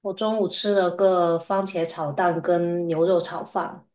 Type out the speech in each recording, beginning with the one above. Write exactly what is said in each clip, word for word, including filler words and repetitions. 我中午吃了个番茄炒蛋跟牛肉炒饭。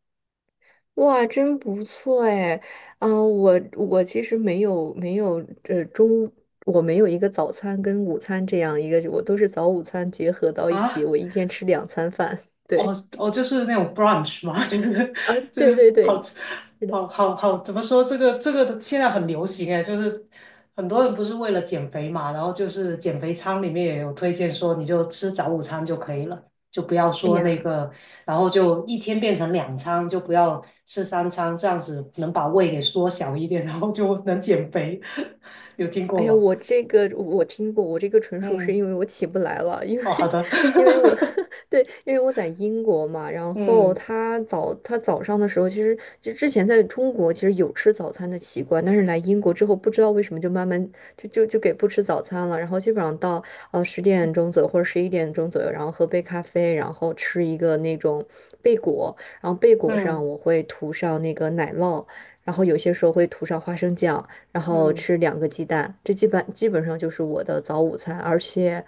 哇，真不错哎！啊、我我其实没有没有呃中，我没有一个早餐跟午餐这样一个，我都是早午餐结合到一起，啊，我一天吃两餐饭。哦对，哦，就是那种 brunch 嘛，就是啊，就对是对好对，吃。是的。好好好，怎么说这个这个的现在很流行哎，就是很多人不是为了减肥嘛，然后就是减肥餐里面也有推荐说你就吃早午餐就可以了，就不要哎说那呀。个，然后就一天变成两餐，就不要吃三餐，这样子能把胃给缩小一点，然后就能减肥。有听哎过呀，吗？我这个我听过，我这个纯属是嗯。因为我起不来了，因为 哦，好的。因为我 对，因为我在英国嘛，然后嗯，他早他早上的时候，其实就之前在中国其实有吃早餐的习惯，但是来英国之后，不知道为什么就慢慢就就就给不吃早餐了，然后基本上到呃十点钟左右或者十一点钟左右，然后喝杯咖啡，然后吃一个那种贝果，然后贝果嗯上我会涂上那个奶酪，然后有些时候会涂上花生酱。然后嗯，吃两个鸡蛋，这基本基本上就是我的早午餐。而且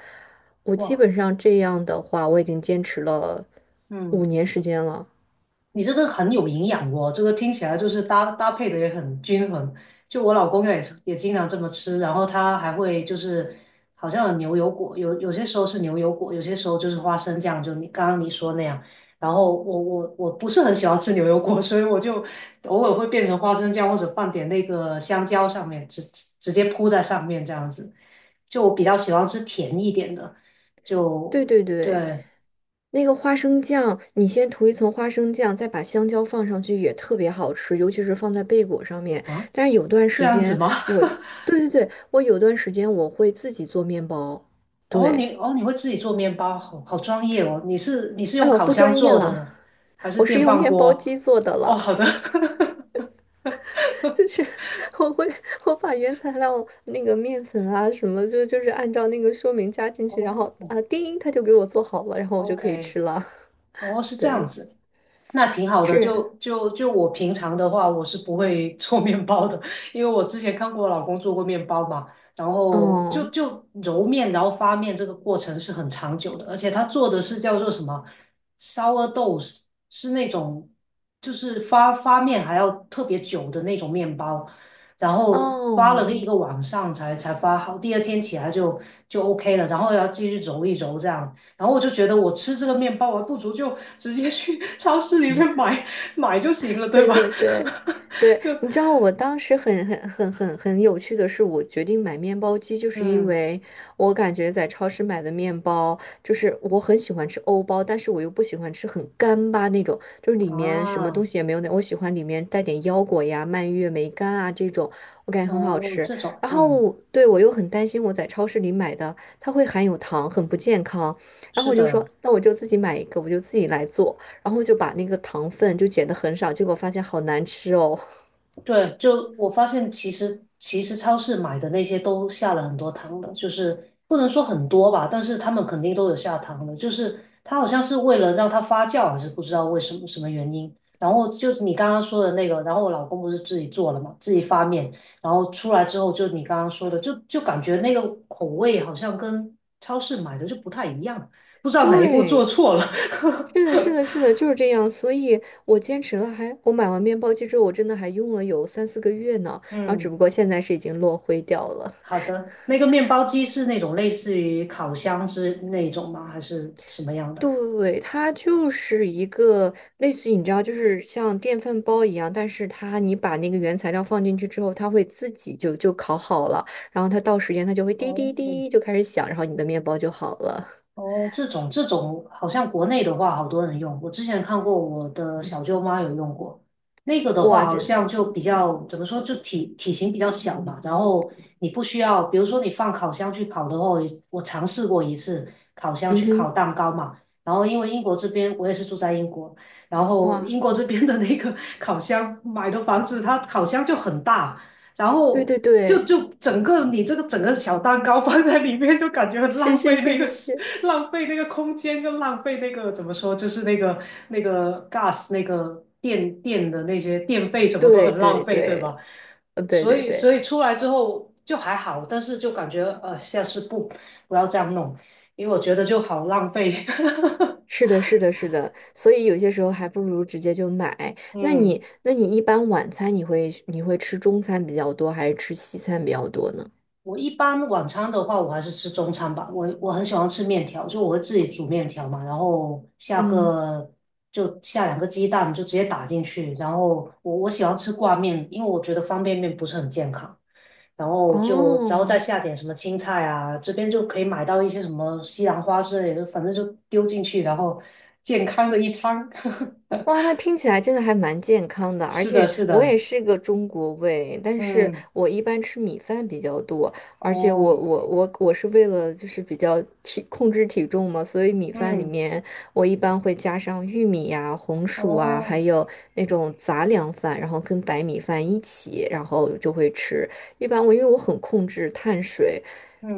我基哇，本上这样的话，我已经坚持了五嗯。年时间了。你这个很有营养哦，这个听起来就是搭搭配的也很均衡。就我老公也是也经常这么吃，然后他还会就是好像有牛油果，有有些时候是牛油果，有些时候就是花生酱，就你刚刚你说那样。然后我我我不是很喜欢吃牛油果，所以我就偶尔会变成花生酱，或者放点那个香蕉上面，直直接铺在上面这样子。就我比较喜欢吃甜一点的，就对对对，对那个花生酱，你先涂一层花生酱，再把香蕉放上去，也特别好吃，尤其是放在贝果上面。啊，但是有段这时样子间吗？我，对对对，我有段时间我会自己做面包。哦，对，你哦，你会自己做面包，好好专业哦。你是你是哎用呦，烤不箱专业做的了，呢，还是我是电用饭面包锅？机做的哦，了。好的。就是我会我把原材料那个面粉啊什么，就就是按照那个说明加进去，然后哦啊叮，它就给我做好了，然后我就可以，O K，吃了。哦，是这样对，子。那挺好的，是，就就就我平常的话，我是不会 做面包的，因为我之前看过我老公做过面包嘛，然后就哦就揉面，然后发面这个过程是很长久的，而且他做的是叫做什么 sourdough，是是那种就是发发面还要特别久的那种面包，然后发了一哦，个晚上才才发好，第二天起来就就 OK 了，然后要继续揉一揉这样，然后我就觉得我吃这个面包，我还不如就直接去 超市里面买买就行了，对对吧？对对 对，就你知道我当时很很很很很有趣的是，我决定买面包机，就是因嗯为我感觉在超市买的面包，就是我很喜欢吃欧包，但是我又不喜欢吃很干巴那种，就是里面什么啊东西也没有那，我喜欢里面带点腰果呀、蔓越莓干啊这种，我感觉很好哦，吃。这种然后嗯我对我又很担心我在超市里买的它会含有糖，很不健康，然后是我就说，的。那我就自己买一个，我就自己来做。然后就把那个糖分就减得很少，结果发现好难吃哦。对，就我发现，其实其实超市买的那些都下了很多糖的，就是不能说很多吧，但是他们肯定都有下糖的，就是它好像是为了让它发酵，还是不知道为什么什么原因。然后就是你刚刚说的那个，然后我老公不是自己做了嘛，自己发面，然后出来之后，就你刚刚说的，就就感觉那个口味好像跟超市买的就不太一样，不知道哪一步做对，错了。是的，是 的，是的，就是这样。所以我坚持了还，我买完面包机之后，我真的还用了有三四个月呢。然后只嗯，不过现在是已经落灰掉了。好的。那个面包机是那种类似于烤箱是那种吗？还是什么样的？对，它就是一个类似于你知道，就是像电饭煲一样，但是它你把那个原材料放进去之后，它会自己就就烤好了，然后它到时间它就会滴哦，滴滴就开始响，然后你的面包就好了。哦，这种这种好像国内的话，好多人用。我之前看过，我的小舅妈有用过。那个的话，哇，好这，像就比较怎么说，就体体型比较小嘛。然后你不需要，比如说你放烤箱去烤的话，我尝试过一次烤箱嗯去烤哼，蛋糕嘛。然后因为英国这边我也是住在英国，然后哇。英国这边的那个 烤箱买的房子，它烤箱就很大，然对后对就对。就整个你这个整个小蛋糕放在里面，就感觉很是浪是费是那个是时是，浪费那个空间跟浪费那个怎么说，就是那个那个 gas 那个电电的那些电费什么都对很浪对费，对吧？对，呃，对所对以所对，以出来之后就还好，但是就感觉呃下次不不要这样弄，因为我觉得就好浪费。是的，是的，是的，所以有些时候还不如直接就买。那嗯。你，那你一般晚餐你会你会吃中餐比较多，还是吃西餐比较多呢？我一般晚餐的话，我还是吃中餐吧。我我很喜欢吃面条，就我会自己煮面条嘛，然后下嗯，个就下两个鸡蛋，就直接打进去。然后我我喜欢吃挂面，因为我觉得方便面不是很健康。然后就哦，然后再下点什么青菜啊，这边就可以买到一些什么西兰花之类的，反正就丢进去，然后 健康的一餐。哇，那听起来真的还蛮健康的，而是的，且是我也的，是个中国胃，但是嗯，我一般吃米饭比较多，而且我哦，我我我是为了就是比较体控制体重嘛，所以米饭里嗯，面我一般会加上玉米呀、红薯啊，还哦，有那种杂粮饭，然后跟白米饭一起，然后就会吃。一般我因为我很控制碳水，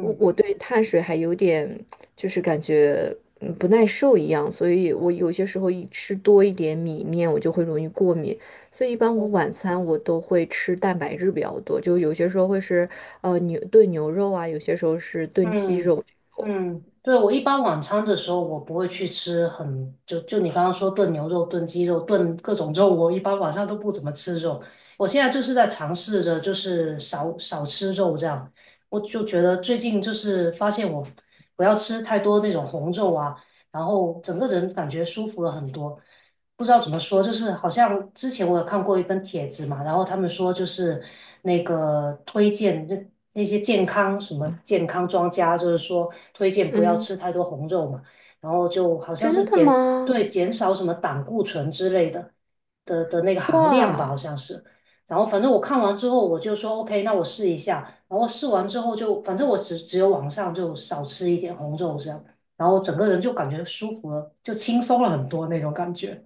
我我对碳水还有点。就是感觉嗯不耐受一样，所以我有些时候一吃多一点米面，我就会容易过敏。所以一般我哦，晚餐我都会吃蛋白质比较多，就有些时候会是呃牛炖牛肉啊，有些时候是炖鸡肉嗯这种。嗯，对，我一般晚餐的时候，我不会去吃很，就就你刚刚说炖牛肉、炖鸡肉、炖各种肉，我一般晚上都不怎么吃肉。我现在就是在尝试着，就是少少吃肉这样。我就觉得最近就是发现我不要吃太多那种红肉啊，然后整个人感觉舒服了很多。不知道怎么说，就是好像之前我有看过一份帖子嘛，然后他们说就是那个推荐那那些健康什么健康专家，就是说推荐不要嗯，吃太多红肉嘛，然后就好像真是的减对吗？减少什么胆固醇之类的的的那个含量吧，好哇！像是。然后反正我看完之后我就说 OK，那我试一下。然后试完之后就反正我只只有晚上就少吃一点红肉这样，然后整个人就感觉舒服了，就轻松了很多那种感觉。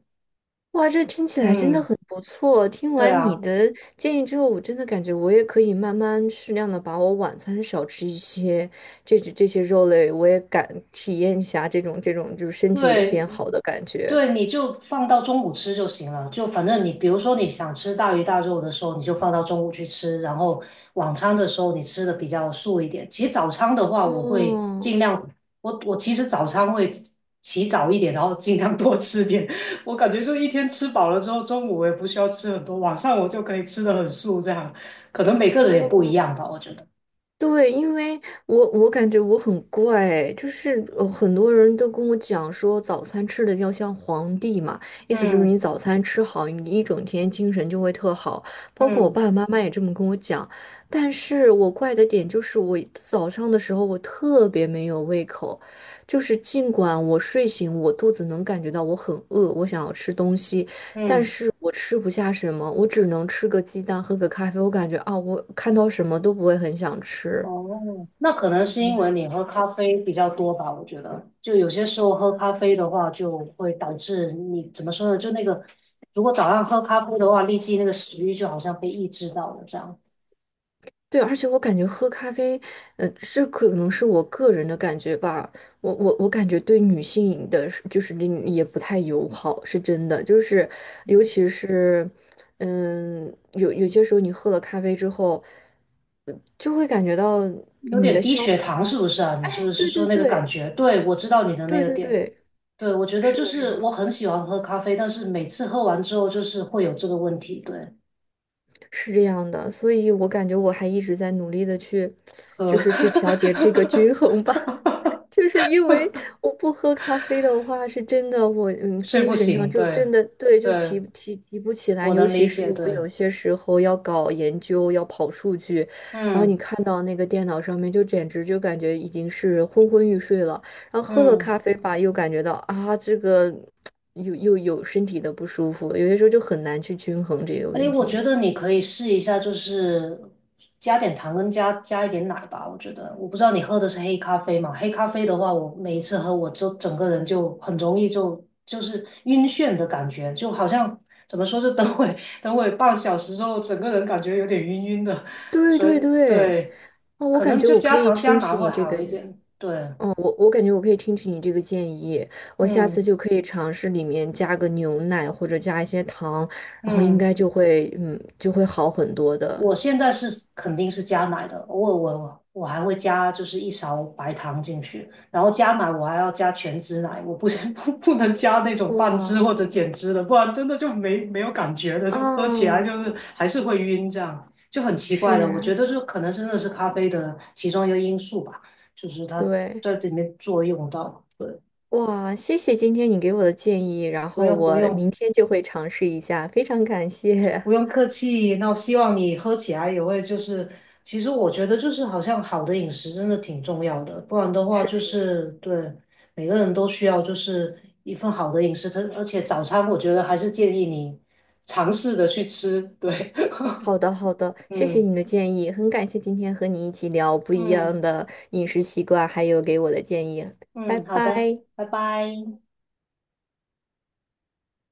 哇，这听起来真的嗯，很不错。听对完你啊，的建议之后，我真的感觉我也可以慢慢适量的把我晚餐少吃一些，这这些肉类，我也敢体验一下这种这种就是身体有对变好的感觉。对，你就放到中午吃就行了。就反正你，比如说你想吃大鱼大肉的时候，你就放到中午去吃。然后晚餐的时候，你吃的比较素一点。其实早餐的话，我会哦，尽量，我我其实早餐会起早一点，然后尽量多吃点。我感觉就一天吃饱了之后，中午我也不需要吃很多，晚上我就可以吃的很素，这样可能每个人也不一哇！样吧，我觉得。对，因为我我感觉我很怪，就是呃很多人都跟我讲说早餐吃的要像皇帝嘛，意思就是你嗯，早餐吃好，你一整天精神就会特好。包括我嗯爸爸妈妈也这么跟我讲，但是我怪的点就是我早上的时候我特别没有胃口，就是尽管我睡醒，我肚子能感觉到我很饿，我想要吃东西，但嗯。是我吃不下什么，我只能吃个鸡蛋，喝个咖啡。我感觉啊，我看到什么都不会很想吃。哦，那可能是因为你喝咖啡比较多吧，我觉得，就有些时候喝咖啡的话，就会导致你怎么说呢？就那个，如果早上喝咖啡的话，立即那个食欲就好像被抑制到了，这样对，而且我感觉喝咖啡，呃，是可能是我个人的感觉吧。我我我感觉对女性的是就是也不太友好，是真的。就是尤其是，嗯，有有些时候你喝了咖啡之后，呃就会感觉到有你点的低消血糖，化，是不是啊？你哎，是不是对说对那个感对觉？对，我知道你的那对个对点。对，对，我觉得是就的，是是我的。很喜欢喝咖啡，但是每次喝完之后就是会有这个问题，对，是这样的，所以我感觉我还一直在努力的去，喝 就是去调节 这个均衡吧。就是因为我不喝咖啡的话，是真的我嗯睡精不神上醒，就对，真的对就提对，提提不起来，我尤能其理是解，我对，有些时候要搞研究，要跑数据，然后你嗯。看到那个电脑上面就简直就感觉已经是昏昏欲睡了，然后喝了嗯，咖啡吧，又感觉到啊这个 又又有身体的不舒服，有些时候就很难去均衡这个哎，问我觉题。得你可以试一下，就是加点糖跟加加一点奶吧。我觉得，我不知道你喝的是黑咖啡嘛？黑咖啡的话，我每一次喝，我就整个人就很容易就就是晕眩的感觉，就好像怎么说，就等会 等会半小时之后，整个人感觉有点晕晕的。对所对以对，对，哦，我可感能觉就我可加以糖加听奶取会你这个，好一点。对，哦，我我感觉我可以听取你这个建议，我下次嗯就可以尝试里面加个牛奶或者加一些糖，然后应嗯。该就会，嗯，就会好很多的。我现在是肯定是加奶的，偶尔我我我还会加就是一勺白糖进去，然后加奶我还要加全脂奶，我不是 不不能加那种半脂或哇，者减脂的，不然真的就没没有感觉的，就喝起来啊，就是还是会晕，这样就很奇是，怪的。我觉得就可能真的是咖啡的其中一个因素吧，就是它对，在里面作用到，对，哇，谢谢今天你给我的建议，然不后用不我用明天就会尝试一下，非常感谢。不用 客气，那我希望你喝起来也会就是，其实我觉得就是好像好的饮食真的挺重要的，不然的话就是。是对每个人都需要就是一份好的饮食，它而且早餐我觉得还是建议你尝试着去吃，对，好的，好的，谢谢嗯，你的建议，很感谢今天和你一起聊不一样嗯的饮食习惯，还有给我的建议，拜嗯，好的，拜。拜拜。